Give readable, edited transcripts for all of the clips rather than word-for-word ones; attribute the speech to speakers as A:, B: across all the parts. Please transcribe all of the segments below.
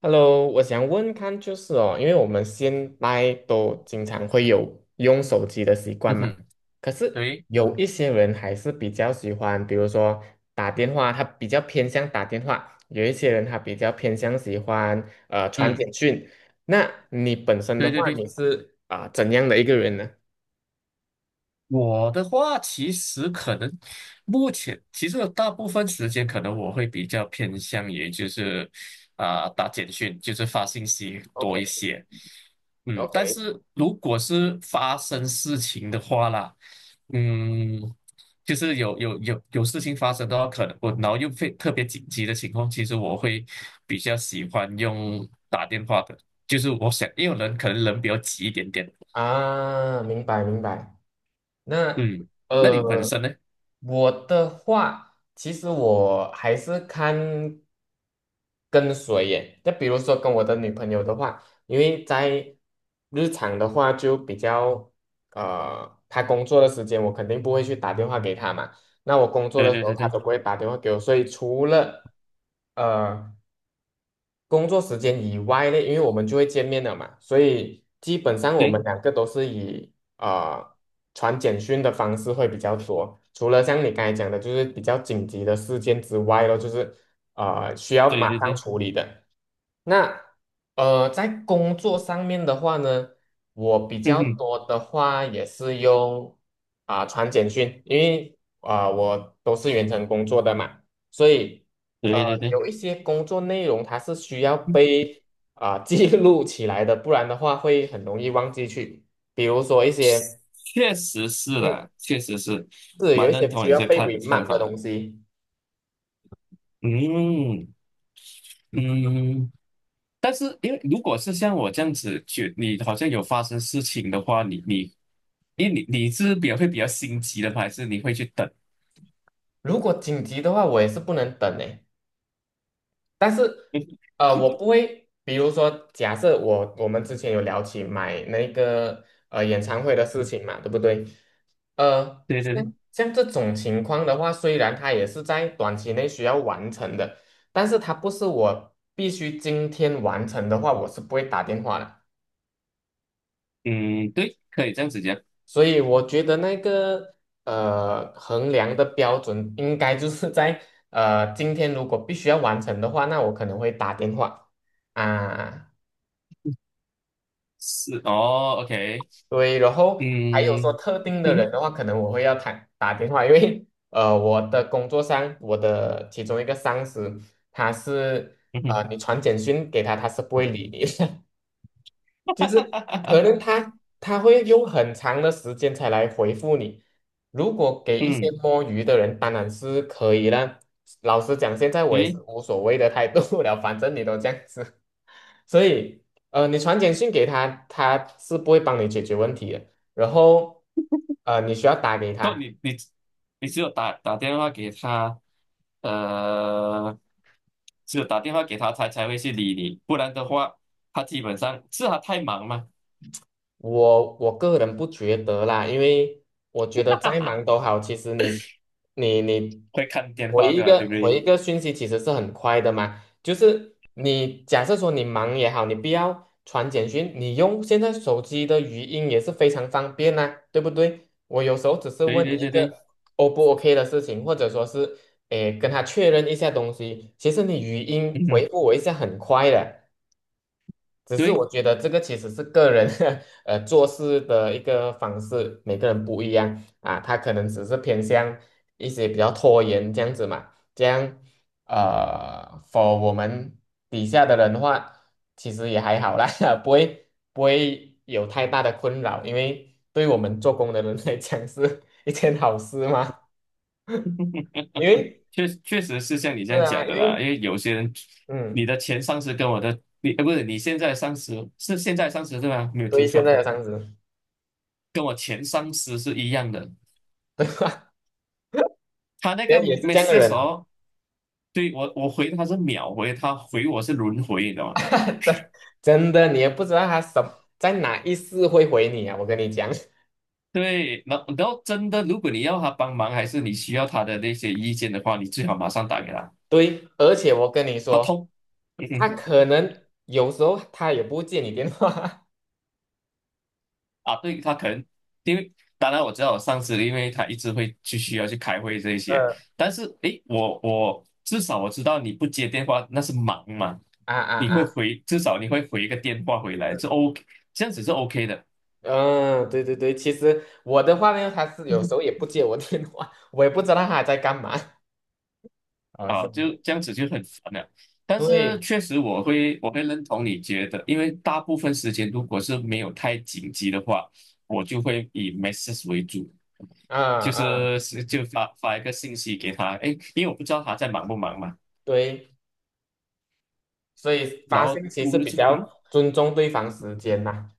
A: Hello，我想问看就是哦，因为我们现在都经常会有用手机的习惯
B: 嗯
A: 嘛，
B: 哼。
A: 可是
B: 对。
A: 有一些人还是比较喜欢，比如说打电话，他比较偏向打电话；有一些人他比较偏向喜欢传
B: 嗯。
A: 简讯。那你本身的
B: 对对
A: 话，
B: 对，
A: 你是怎样的一个人呢
B: 我的话其实可能目前其实大部分时间可能我会比较偏向于就是打简讯，就是发信息多
A: ？OK。
B: 一些。嗯，但
A: OK
B: 是如果是发生事情的话啦，嗯，就是有事情发生的话，可能我然后又非特别紧急的情况，其实我会比较喜欢用打电话的，就是我想，因为人可能比较急一点点。
A: 啊，明白明白。那
B: 嗯，那你本
A: 呃，
B: 身呢？
A: 我的话，其实我还是看。跟随耶。就比如说跟我的女朋友的话，因为在日常的话就比较她工作的时间我肯定不会去打电话给她嘛。那我工作
B: 对
A: 的时
B: 对
A: 候
B: 对
A: 她
B: 对
A: 都不会打电话给我，所以除了呃工作时间以外嘞，因为我们就会见面了嘛，所以基本上我们
B: 对
A: 两个都是以呃传简讯的方式会比较多。除了像你刚才讲的，就是比较紧急的事件之外咯，就是需要
B: 对
A: 马
B: 对
A: 上
B: 对。
A: 处理的。那在工作上面的话呢，我比
B: 嗯
A: 较
B: 哼。
A: 多的话也是用传简讯，因为我都是远程工作的嘛，所以。呃，
B: 对对对。
A: 有一些工作内容它是需要
B: 嗯，
A: 被记录起来的，不然的话会很容易忘记去。比如说一些，
B: 确实是
A: 嗯，
B: 啦，确实是。
A: 是有
B: 蛮
A: 一
B: 认
A: 些需
B: 同你
A: 要
B: 这
A: 被
B: 看
A: remind 的
B: 法。
A: 东西。
B: 嗯嗯，但是因为如果是像我这样子去，你好像有发生事情的话，你，因为你是比较会比较心急的吗还是你会去等？
A: 如果紧急的话，我也是不能等诶。但是，
B: 就
A: 我不会，比如说，假设我们之前有聊起买那个演唱会的事情嘛，对不对？
B: 对对对。
A: 像这种情况的话，虽然它也是在短期内需要完成的，但是它不是我必须今天完成的话，我是不会打电话的。
B: 嗯，对，可以这样子讲。
A: 所以我觉得那个衡量的标准应该就是在今天如果必须要完成的话，那我可能会打电话啊。
B: 是哦，OK。
A: 对，然后还有说
B: 嗯
A: 特定的人
B: 嗯
A: 的话，可能我会要打电话，因为我的工作上，我的其中一个上司，他是
B: 嗯。
A: 你传简讯给他，他是不会理你的，就是可能 他会用很长的时间才来回复你。如果给一些
B: 嗯，
A: 摸鱼的人，当然是可以啦。老实讲，现在我
B: 因
A: 也是
B: 为
A: 无所谓的态度了，反正你都这样子。所以你传简讯给他，他是不会帮你解决问题的。然后你需要打给
B: 说
A: 他，
B: 你你你只有打电话给他，呃，只有打电话给他，他才会去理你，不然的话，他基本上是他太忙嘛。
A: 我个人不觉得啦，因为我觉得再忙都 好，其实你
B: 会看电
A: 回
B: 话
A: 一
B: 对吧？
A: 个
B: 对不
A: 回
B: 对？
A: 一个讯息其实是很快的嘛。就是你假设说你忙也好，你不要传简讯，你用现在手机的语音也是非常方便呐、对不对？我有时候只是
B: 对
A: 问
B: 对
A: 你一
B: 对对。
A: 个 O 不 OK 的事情，或者说是诶跟他确认一下东西，其实你语音回
B: 嗯。
A: 复我一下很快的。只是
B: 对，
A: 我觉得这个其实是个人 做事的一个方式，每个人不一样啊。他可能只是偏向一些比较拖延这样子嘛，这样for 我们底下的人的话，其实也还好啦，不会有太大的困扰，因为对我们做工的人来讲是一件好事嘛。因为
B: 确确实是像你这
A: 是
B: 样
A: 啊，
B: 讲
A: 因
B: 的啦，
A: 为
B: 因为有些人，你
A: 嗯，
B: 的前上司跟我的你，呃，不是你现在上司是现在上司对吧？没有
A: 对
B: 听
A: 现
B: 错，
A: 在的上司，
B: 跟我前上司是一样的，
A: 对吧？
B: 他 那
A: 也
B: 个
A: 也是
B: m e
A: 这样的
B: s
A: 人
B: s e
A: 啊。
B: 哦。对，我我回他是秒回，他回我是轮回，你知道吗？
A: 真真的，你也不知道他什在哪一次会回你啊！我跟你讲，
B: 对，然后真的，如果你要他帮忙，还是你需要他的那些意见的话，你最好马上打给他。
A: 对，而且我跟你
B: 他
A: 说，
B: 通，嗯
A: 他
B: 哼。
A: 可能有时候他也不接你电话。
B: 啊，对，他可能，因为当然我知道我上次因为他一直会去需要去开会这一 些，
A: 嗯，
B: 但是诶，我至少我知道你不接电话那是忙嘛，
A: 啊啊
B: 你会
A: 啊！
B: 回，至少你会回一个电话回来，这 OK，这样子是 OK 的。
A: 嗯，对对对，其实我的话呢，他是有时候也不接我电话，我也不知道他在干嘛。哦，
B: 啊，
A: 是，
B: 就这样子就很烦了。但是
A: 对，
B: 确实我会认同你觉得，因为大部分时间如果是没有太紧急的话，我就会以 message 为主，
A: 啊
B: 就
A: 啊，
B: 是是就发一个信息给他，哎，因为我不知道他在忙不忙嘛。
A: 对，所以
B: 然
A: 发
B: 后
A: 信息
B: 突
A: 是
B: 然
A: 比
B: 就
A: 较
B: 嗯，
A: 尊重对方时间呐、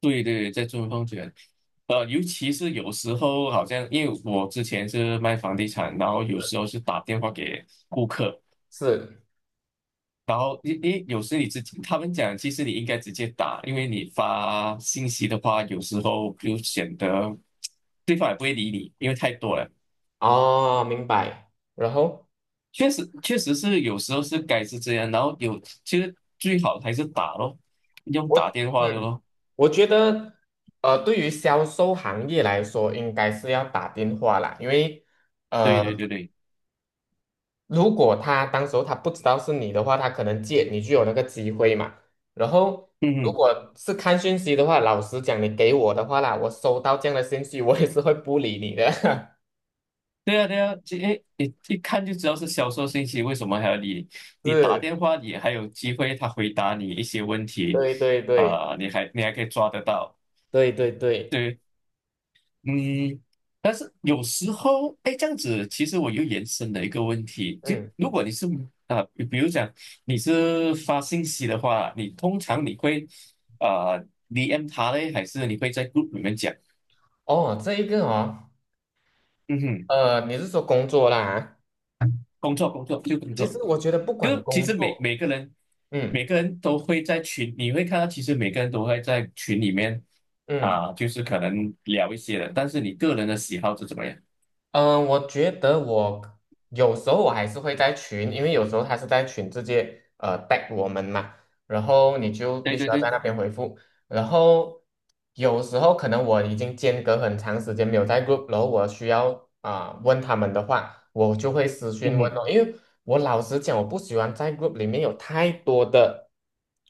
B: 对对，在中风卷。呃，尤其是有时候好像因为我之前是卖房地产，然后有时候是打电话给顾客，
A: 是，
B: 然后因有时你自己，他们讲其实你应该直接打，因为你发信息的话，有时候就显得对方也不会理你，因为太多了。
A: 哦，明白。然后。
B: 确实，确实是有时候是该是这样，然后有其实最好还是打咯，用
A: 我
B: 打电话的
A: 嗯，
B: 咯。
A: 我觉得对于销售行业来说，应该是要打电话啦，因为
B: 对
A: 呃，
B: 对对对。
A: 如果他当时候他不知道是你的话，他可能借你就有那个机会嘛。然后
B: 嗯。
A: 如
B: 嗯，
A: 果是看讯息的话，老实讲，你给我的话啦，我收到这样的信息，我也是会不理你的。
B: 对啊对啊，这诶你一看就知道是销售信息，为什么还要理你，打
A: 是，
B: 电话，你还有机会他回答你一些问题，
A: 对对对
B: 你还可以抓得到。
A: 对对对，
B: 对。嗯，但是有时候，哎，这样子，其实我又延伸了一个问题，就
A: 嗯，
B: 如果你是比如讲你是发信息的话，你通常你会DM 他嘞，还是你会在 group 里面讲？
A: 哦，这一个哦，
B: 嗯哼。
A: 你是说工作啦啊？
B: 工作，工作就工
A: 其
B: 作，
A: 实我觉得不管
B: 就其
A: 工
B: 实每
A: 作，
B: 每个人每
A: 嗯
B: 个人都会在群，你会看到，其实每个人都会在群里面
A: 嗯。
B: 就是可能聊一些的，但是你个人的喜好是怎么样？
A: 嗯，我觉得我有时候我还是会在群，因为有时候他是在群直接带我们嘛，然后你就必
B: 对
A: 须
B: 对
A: 要在
B: 对。
A: 那边回复。然后有时候可能我已经间隔很长时间没有在 group，然后我需要问他们的话，我就会私
B: 嗯
A: 讯问
B: 哼。
A: 哦，因为我老实讲，我不喜欢在 group 里面有太多的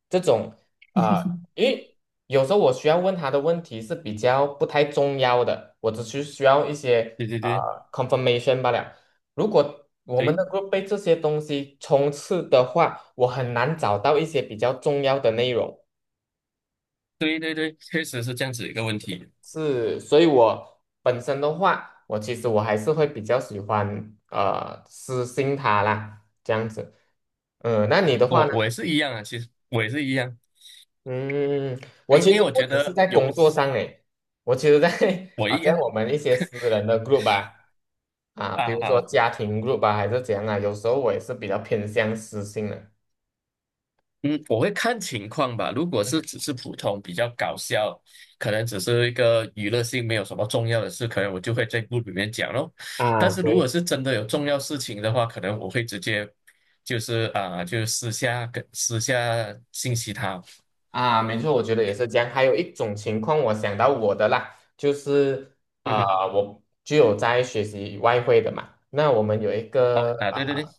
A: 这种。啊。因为有时候我需要问他的问题是比较不太重要的，我只是需要一些
B: 对对对
A: confirmation 罢了。如果我们能
B: 对。
A: 够被这些东西充斥的话，我很难找到一些比较重要的内容。
B: 对对对，确实是这样子一个问题。
A: 是，所以我本身的话，我其实还是会比较喜欢私信他啦，这样子。嗯，那你的话
B: 我
A: 呢？
B: 我也是一样啊，其实我也是一样，
A: 嗯，我
B: 因因
A: 其
B: 为
A: 实
B: 我
A: 不
B: 觉
A: 只是
B: 得
A: 在
B: 有
A: 工作上诶，我其实在
B: 我
A: 好
B: 一
A: 像
B: 样
A: 我们一些私人的 group 啊，啊，比如说
B: 啊。
A: 家庭 group 啊，还是怎样啊，有时候我也是比较偏向私信的。
B: 嗯，我会看情况吧。如果是只是普通比较搞笑，可能只是一个娱乐性，没有什么重要的事，可能我就会在 group 里面讲咯。但
A: 啊，
B: 是如果
A: 对。
B: 是真的有重要事情的话，可能我会直接就是啊，就私下跟私下信息他。
A: 啊，没错，我觉得也是这样。还有一种情况，我想到我的啦，就是
B: 嗯哼
A: 我就有在学习外汇的嘛。那我们有一
B: ，OK
A: 个
B: 啊，对对对。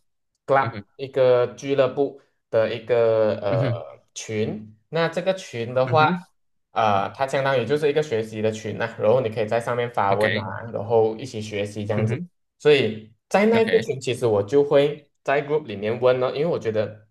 B: 嗯
A: club，
B: 哼。
A: 一个俱乐部的一个
B: 嗯哼。
A: 群。那这个群的
B: 嗯哼
A: 话，它相当于就是一个学习的群呐、然后你可以在上面发问
B: ，OK。
A: 啊，然后一起学习这样
B: 嗯
A: 子。
B: 哼
A: 所以在那个
B: ，OK。
A: 群，其实我就会在 group 里面问了，因为我觉得，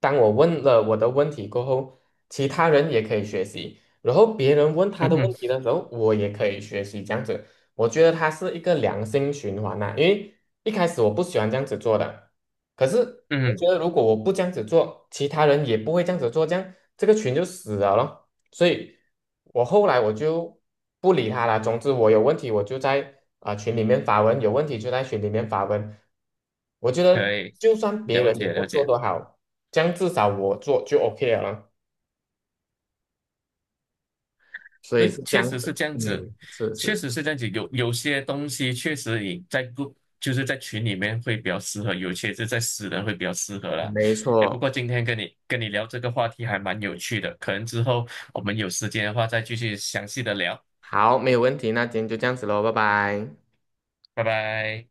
A: 当我问了我的问题过后，其他人也可以学习，然后别人问他
B: 嗯
A: 的问题
B: 哼。
A: 的时候，我也可以学习，这样子，我觉得它是一个良性循环呐、因为一开始我不喜欢这样子做的，可是
B: 嗯
A: 我
B: 哼，
A: 觉得如果我不这样子做，其他人也不会这样子做，这样这个群就死了咯。所以我后来我就不理他了。总之，我有问题我就在群里面发问，有问题就在群里面发问。我觉
B: 可
A: 得
B: 以，
A: 就算别
B: 了
A: 人也
B: 解
A: 不
B: 了
A: 做
B: 解。
A: 都好，这样至少我做就 OK 了咯。所以
B: 对，
A: 是这
B: 确实
A: 样
B: 是
A: 子，
B: 这样子，
A: 嗯，是
B: 确
A: 是，
B: 实是这样子。有有些东西确实你在 g 就是在群里面会比较适合，有些是在私人会比较适合啦。
A: 没
B: 哎，不
A: 错。
B: 过今天跟你聊这个话题还蛮有趣的，可能之后我们有时间的话再继续详细的聊。
A: 好，没有问题，那今天就这样子喽，拜拜。
B: 拜拜。